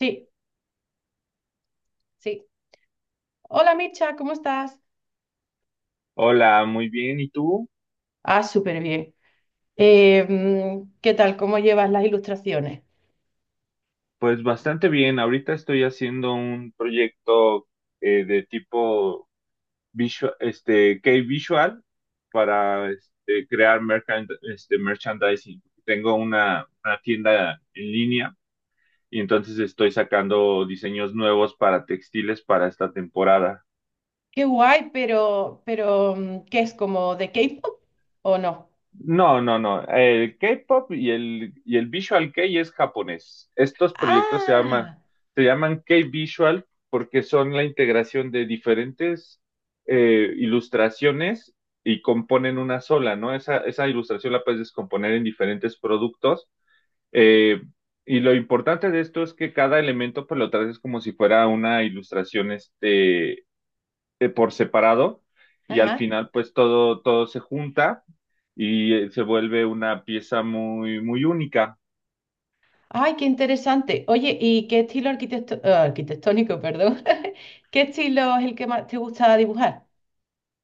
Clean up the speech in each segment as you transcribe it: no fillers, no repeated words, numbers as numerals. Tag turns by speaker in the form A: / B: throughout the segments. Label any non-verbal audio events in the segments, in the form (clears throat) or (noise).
A: Sí, sí. Hola Micha, ¿cómo estás?
B: Hola, muy bien. ¿Y tú?
A: Ah, súper bien. ¿Qué tal? ¿Cómo llevas las ilustraciones?
B: Pues bastante bien. Ahorita estoy haciendo un proyecto de tipo visual, este, K-Visual para este, crear merchandising. Tengo una tienda en línea y entonces estoy sacando diseños nuevos para textiles para esta temporada.
A: Qué guay, pero ¿qué es como de K-pop o no?
B: No, no, no. El K-pop y y el Visual Kei es japonés. Estos proyectos se llaman,
A: Ah,
B: se llaman K-Visual porque son la integración de diferentes ilustraciones y componen una sola, ¿no? Esa ilustración la puedes descomponer en diferentes productos. eh, y lo importante de esto es que cada elemento, pues lo traes como si fuera una ilustración, este por separado y al
A: ajá.
B: final pues todo se junta y se vuelve una pieza muy, muy única.
A: Ay, qué interesante. Oye, ¿y qué estilo arquitectónico, perdón? (laughs) ¿Qué estilo es el que más te gusta dibujar?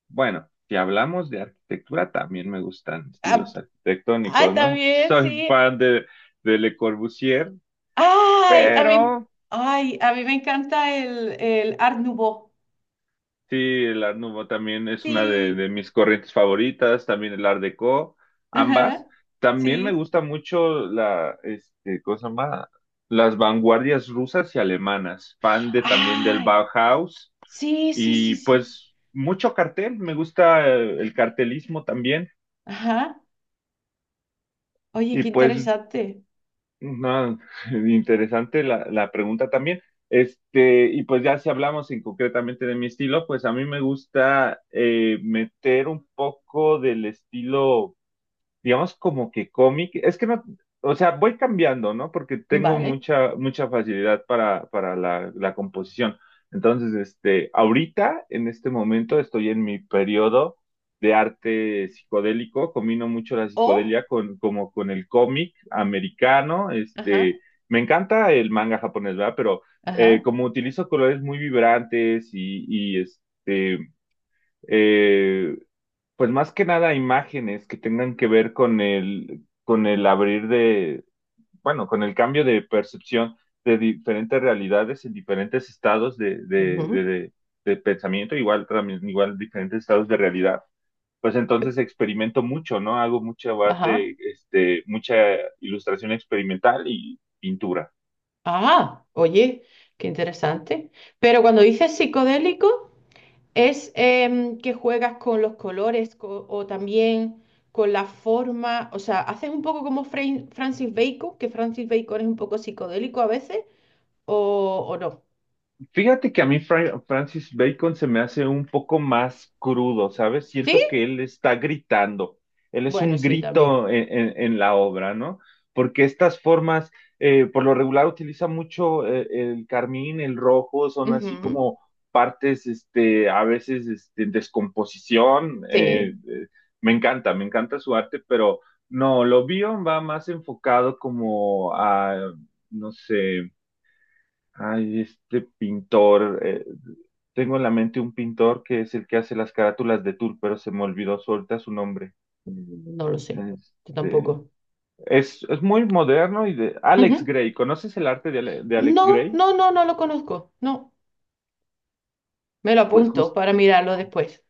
B: Bueno, si hablamos de arquitectura, también me gustan
A: Ah,
B: estilos
A: ay,
B: arquitectónicos, ¿no?
A: también,
B: Soy
A: sí.
B: fan de, Le Corbusier,
A: Ay, a mí,
B: pero
A: ay, a mí me encanta el Art Nouveau.
B: sí, el Art Nouveau también es una de,
A: Sí,
B: de mis corrientes favoritas, también el Art Deco,
A: ajá,
B: ambas. También me
A: sí.
B: gusta mucho la, este, ¿cómo se llama? Las vanguardias rusas y alemanas, fan de también del
A: Ay,
B: Bauhaus
A: sí, sí, sí,
B: y
A: sí.
B: pues mucho cartel, me gusta el cartelismo también
A: Ajá. Oye,
B: y
A: qué
B: pues
A: interesante.
B: no, (laughs) interesante la pregunta también. Este, y pues ya si hablamos en concretamente de mi estilo, pues a mí me gusta meter un poco del estilo digamos, como que cómic. Es que no, o sea, voy cambiando, ¿no? Porque tengo
A: Vale.
B: mucha, mucha facilidad para la composición. Entonces, este, ahorita, en este momento, estoy en mi periodo de arte psicodélico, combino mucho la
A: O,
B: psicodelia con, como con el cómic americano,
A: ajá,
B: este, me encanta el manga japonés, ¿verdad? Pero
A: ajá,
B: como utilizo colores muy vibrantes y, este, eh, pues más que nada imágenes que tengan que ver con el con el abrir de, bueno, con el cambio de percepción de diferentes realidades en diferentes estados
A: ujú,
B: de pensamiento, igual también, igual diferentes estados de realidad. Pues entonces experimento mucho, ¿no? Hago mucha
A: ajá.
B: arte, este, mucha ilustración experimental y pintura.
A: Ah, oye, qué interesante. Pero cuando dices psicodélico, ¿es que juegas con los colores o también con la forma? O sea, ¿haces un poco como Francis Bacon, que Francis Bacon es un poco psicodélico a veces, o no?
B: Fíjate que a mí Francis Bacon se me hace un poco más crudo, ¿sabes?
A: ¿Sí?
B: Siento que él está gritando, él es
A: Bueno,
B: un
A: sí, también.
B: grito en, en la obra, ¿no? Porque estas formas, por lo regular utiliza mucho el carmín, el rojo, son así
A: Ujú.
B: como partes, este, a veces, este, en descomposición.
A: Sí,
B: Me encanta, me encanta su arte, pero no, lo Bion va más enfocado como a, no sé. Ay, este pintor, tengo en la mente un pintor que es el que hace las carátulas de Tour, pero se me olvidó suelta su nombre.
A: no lo sé. Yo
B: Este,
A: tampoco.
B: es, muy moderno y de Alex
A: Ujú.
B: Gray. ¿Conoces el arte de, de Alex
A: No,
B: Gray?
A: no, no, no lo conozco. No, me lo
B: Pues
A: apunto para mirarlo después.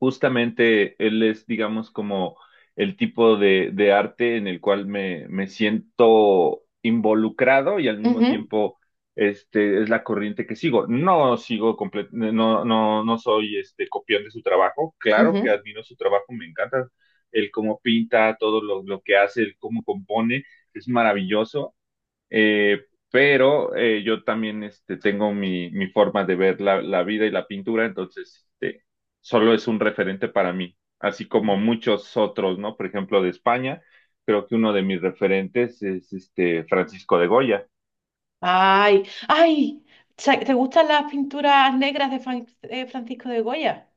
B: Justamente él es, digamos, como el tipo de, arte en el cual me, siento involucrado y al mismo
A: Ujú,
B: tiempo este, es la corriente que sigo. No sigo no, no, no soy este, copión de su trabajo. Claro que
A: ujú.
B: admiro su trabajo, me encanta el cómo pinta, todo lo que hace, el cómo compone, es maravilloso. Pero yo también este, tengo mi forma de ver la vida y la pintura, entonces este, solo es un referente para mí, así como muchos otros, ¿no? Por ejemplo, de España, creo que uno de mis referentes es este Francisco de Goya.
A: Ay, ay, ¿te gustan las pinturas negras de Francisco de Goya?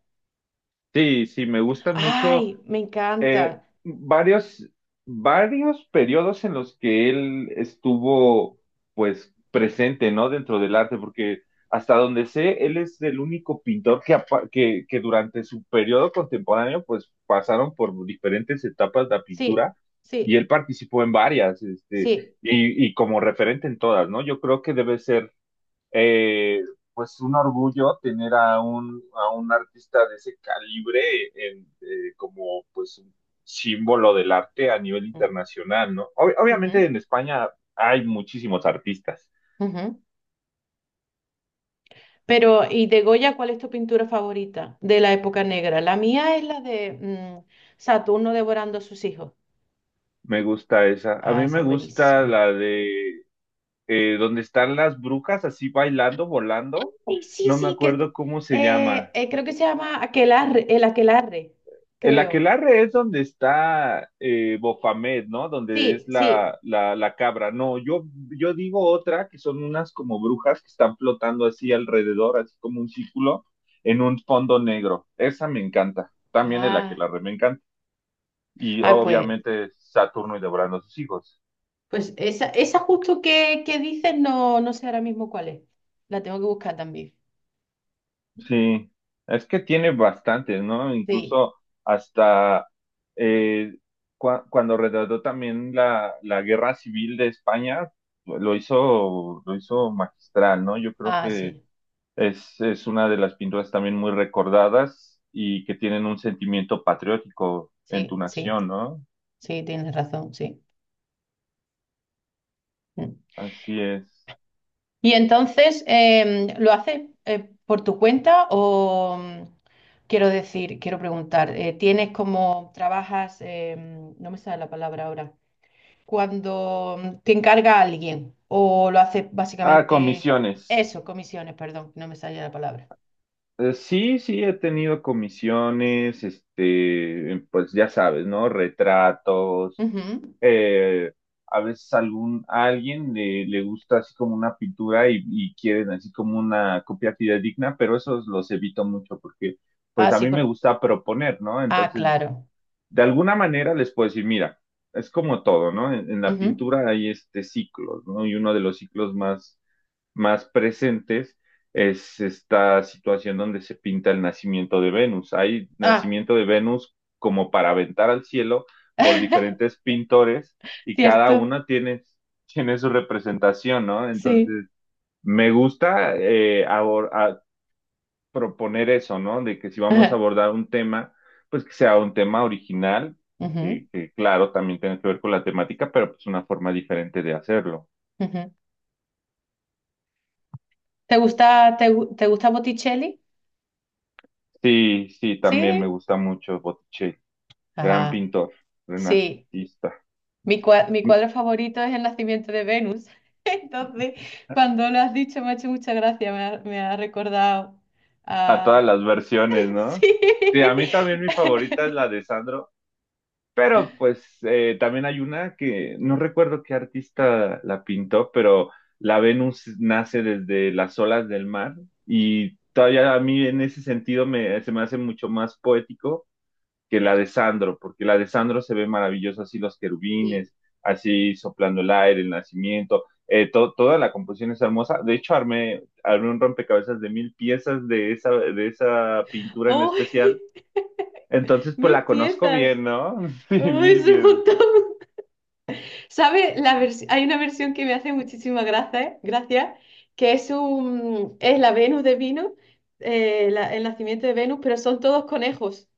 B: Sí, sí, me gustan mucho
A: Ay, me encanta.
B: varios, varios periodos en los que él estuvo, pues, presente, ¿no? Dentro del arte, porque hasta donde sé, él es el único pintor que, que durante su periodo contemporáneo, pues, pasaron por diferentes etapas de la
A: Sí,
B: pintura y
A: sí,
B: él participó en varias, este,
A: sí.
B: y, como referente en todas, ¿no? Yo creo que debe ser eh, pues un orgullo tener a un artista de ese calibre en, como pues un símbolo del arte a nivel
A: Mm,
B: internacional, ¿no? Obviamente
A: ujú,
B: en España hay muchísimos artistas.
A: ujú. Pero, ¿y de Goya cuál es tu pintura favorita de la época negra? La mía es la de Saturno devorando a sus hijos.
B: Me gusta esa. A
A: Ah,
B: mí
A: esa
B: me
A: es
B: gusta
A: buenísima.
B: la de donde están las brujas así bailando, volando.
A: Sí, sí,
B: No me
A: sí, que
B: acuerdo cómo se
A: eh,
B: llama.
A: eh, creo que se llama aquelarre, el aquelarre,
B: El
A: creo.
B: aquelarre es donde está Bofamet, ¿no? Donde
A: Sí,
B: es
A: sí.
B: la cabra. No, yo, digo otra que son unas como brujas que están flotando así alrededor, así como un círculo, en un fondo negro. Esa me encanta. También el
A: Ah,
B: aquelarre me encanta. Y
A: ah, pues,
B: obviamente Saturno y devorando a sus hijos.
A: pues esa justo que dices, no, no sé ahora mismo cuál es. La tengo que buscar también.
B: Sí, es que tiene bastantes, ¿no?
A: Sí,
B: Incluso hasta eh, cuando retrató también la guerra civil de España, pues, lo hizo magistral, ¿no? Yo creo
A: ah,
B: que
A: sí,
B: es, una de las pinturas también muy recordadas y que tienen un sentimiento patriótico en tu
A: sí, sí,
B: nación, ¿no?
A: sí, tienes razón, sí. Mm.
B: Así es.
A: Y entonces, ¿lo haces por tu cuenta o quiero decir, quiero preguntar, ¿tienes como, trabajas, no me sale la palabra ahora? Cuando te encarga alguien o lo hace
B: Ah,
A: básicamente
B: comisiones.
A: eso, comisiones, perdón, no me salía la palabra.
B: Sí, sí, he tenido comisiones, este, pues ya sabes, ¿no? Retratos
A: Ujú.
B: eh, a veces a alguien le, gusta así como una pintura y, quieren así como una copia fidedigna, pero esos los evito mucho porque
A: Ah,
B: pues a
A: sí,
B: mí me
A: por...
B: gusta proponer, ¿no?
A: ah,
B: Entonces,
A: claro.
B: de alguna manera les puedo decir, mira, es como todo, ¿no? En, la
A: Ujú.
B: pintura hay este ciclos, ¿no? Y uno de los ciclos más más presentes es esta situación donde se pinta el nacimiento de Venus. Hay
A: Ah,
B: nacimiento de Venus como para aventar al cielo por diferentes
A: (laughs)
B: pintores y cada
A: cierto,
B: una tiene, (laughs) tiene su representación, ¿no?
A: sí.
B: Entonces, me gusta proponer eso, ¿no? De que si vamos a
A: Ajá.
B: abordar un tema, pues que sea un tema original,
A: Ujú,
B: que, claro, también tiene que ver con la temática, pero pues una forma diferente de hacerlo.
A: ujú. Te gusta Botticelli?
B: Sí, sí, también me
A: Sí.
B: gusta mucho Botticelli. Gran
A: Ah,
B: pintor,
A: sí.
B: renacentista.
A: Mi cuadro favorito es El nacimiento de Venus. (laughs) Entonces, cuando lo has dicho, me ha hecho mucha gracia, me ha recordado
B: A todas las versiones,
A: (laughs)
B: ¿no?
A: sí.
B: Sí, a mí también mi favorita es
A: (laughs)
B: la de Sandro, pero pues también hay una que no recuerdo qué artista la pintó, pero la Venus nace desde las olas del mar y todavía a mí en ese sentido me, se me hace mucho más poético que la de Sandro, porque la de Sandro se ve maravillosa, así los
A: Sí.
B: querubines, así soplando el aire, el nacimiento, to toda la composición es hermosa. De hecho, armé, un rompecabezas de 1.000 piezas de esa pintura en
A: Uy,
B: especial. Entonces, pues
A: mil
B: la conozco
A: piezas.
B: bien, ¿no? (laughs) Sí,
A: Uy,
B: mil
A: es un
B: piezas.
A: montón. ¿Sabe? Hay una versión que me hace muchísima gracia, que es un es la Venus de vino, el nacimiento de Venus, pero son todos conejos.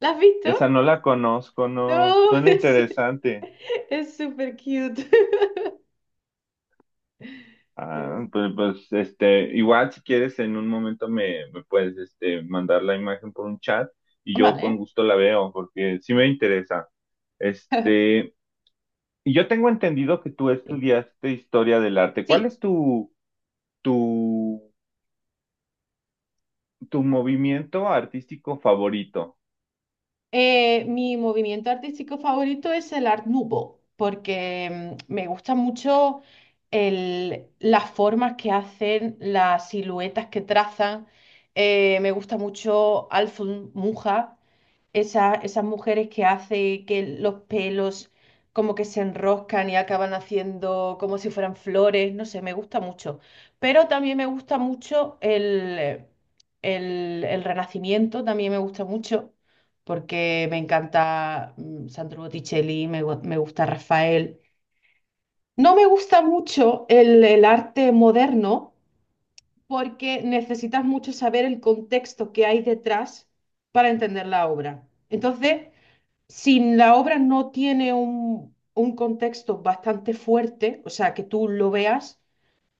A: ¿La has
B: Esa
A: visto?
B: no la conozco, no.
A: No, (laughs)
B: Suena interesante.
A: es súper cute.
B: Ah,
A: (laughs)
B: pues, este, igual si quieres en un momento me, puedes, este, mandar la imagen por un chat y yo con
A: Vale.
B: gusto la veo porque sí me interesa.
A: (laughs)
B: Este, y yo tengo entendido que tú estudiaste historia del arte. ¿Cuál
A: Sí.
B: es tu, tu movimiento artístico favorito?
A: Mi movimiento artístico favorito es el Art Nouveau, porque me gusta mucho las formas que hacen, las siluetas que trazan. Me gusta mucho Alfons Mucha, esas mujeres que hace que los pelos como que se enroscan y acaban haciendo como si fueran flores, no sé, me gusta mucho. Pero también me gusta mucho el Renacimiento, también me gusta mucho, porque me encanta Sandro Botticelli, me gusta Rafael. No me gusta mucho el arte moderno porque necesitas mucho saber el contexto que hay detrás para entender la obra. Entonces, si la obra no tiene un contexto bastante fuerte, o sea, que tú lo veas,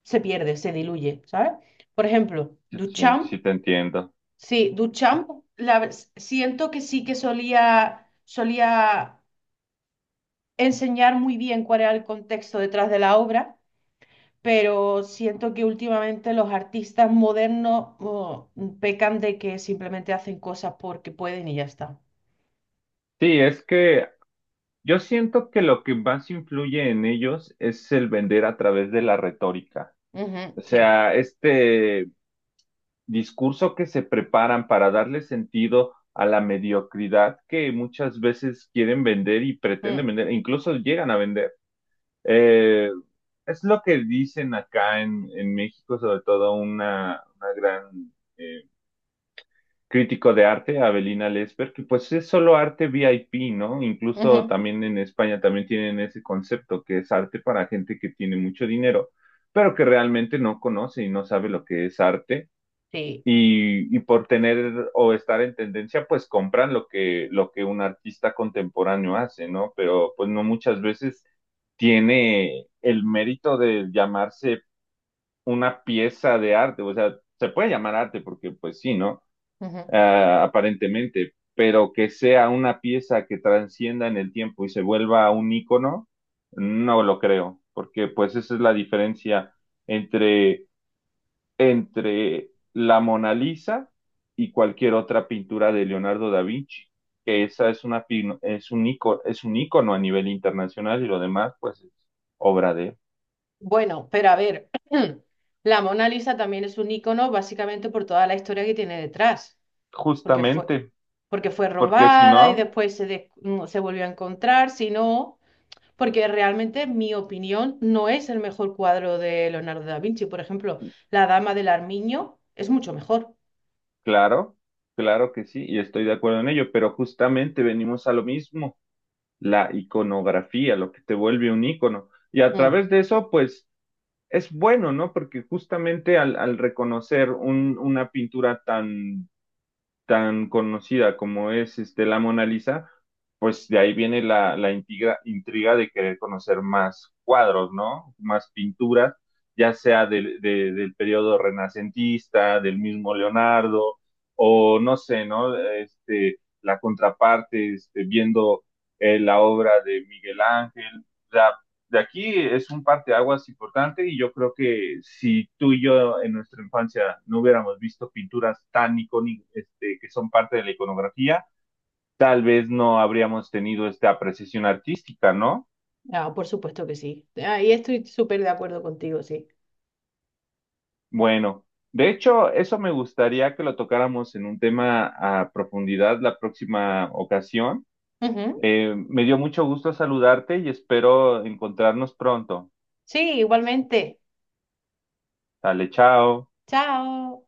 A: se pierde, se diluye, ¿sabes? Por ejemplo,
B: Sí, sí,
A: Duchamp,
B: sí te entiendo.
A: sí, Duchamp, siento que sí que solía enseñar muy bien cuál era el contexto detrás de la obra, pero siento que últimamente los artistas modernos oh, pecan de que simplemente hacen cosas porque pueden y ya está.
B: Sí, es que yo siento que lo que más influye en ellos es el vender a través de la retórica.
A: Ujú,
B: O
A: sí,
B: sea, este discurso que se preparan para darle sentido a la mediocridad que muchas veces quieren vender y pretenden
A: mm,
B: vender, e incluso llegan a vender. Eh, es lo que dicen acá en, México, sobre todo una, gran crítico de arte, Avelina Lesper, que pues es solo arte VIP, ¿no? Incluso
A: ujú,
B: también en España también tienen ese concepto que es arte para gente que tiene mucho dinero, pero que realmente no conoce y no sabe lo que es arte
A: sí.
B: y, por tener o estar en tendencia, pues compran lo que un artista contemporáneo hace, ¿no? Pero pues no muchas veces tiene el mérito de llamarse una pieza de arte, o sea, se puede llamar arte porque pues sí, ¿no?
A: Ujú.
B: Ah, aparentemente, pero que sea una pieza que transcienda en el tiempo y se vuelva un ícono, no lo creo, porque pues esa es la diferencia entre la Mona Lisa y cualquier otra pintura de Leonardo da Vinci, que esa es una es un icono, es un ícono a nivel internacional y lo demás pues es obra de él.
A: Bueno, pero a ver, (clears throat) la Mona Lisa también es un icono básicamente por toda la historia que tiene detrás, porque fue,
B: Justamente,
A: porque fue
B: porque si
A: robada y
B: no,
A: después se volvió a encontrar, si no, porque realmente, en mi opinión, no es el mejor cuadro de Leonardo da Vinci. Por ejemplo, La Dama del Armiño es mucho mejor.
B: claro, claro que sí, y estoy de acuerdo en ello, pero justamente venimos a lo mismo, la iconografía, lo que te vuelve un ícono. Y a
A: Mm,
B: través de eso, pues es bueno, ¿no? Porque justamente al reconocer una pintura tan tan conocida como es este, la Mona Lisa, pues de ahí viene la, intriga, intriga de querer conocer más cuadros, ¿no? Más pinturas, ya sea del periodo renacentista, del mismo Leonardo, o no sé, ¿no? Este, la contraparte, este, viendo la obra de Miguel Ángel. O sea, de aquí es un parteaguas importante y yo creo que si tú y yo en nuestra infancia no hubiéramos visto pinturas tan icónicas este, que son parte de la iconografía, tal vez no habríamos tenido esta apreciación artística, ¿no?
A: ah, por supuesto que sí. Ahí estoy súper de acuerdo contigo, sí.
B: Bueno, de hecho, eso me gustaría que lo tocáramos en un tema a profundidad la próxima ocasión.
A: Ujú.
B: Me dio mucho gusto saludarte y espero encontrarnos pronto.
A: Sí, igualmente.
B: Dale, chao.
A: Chao.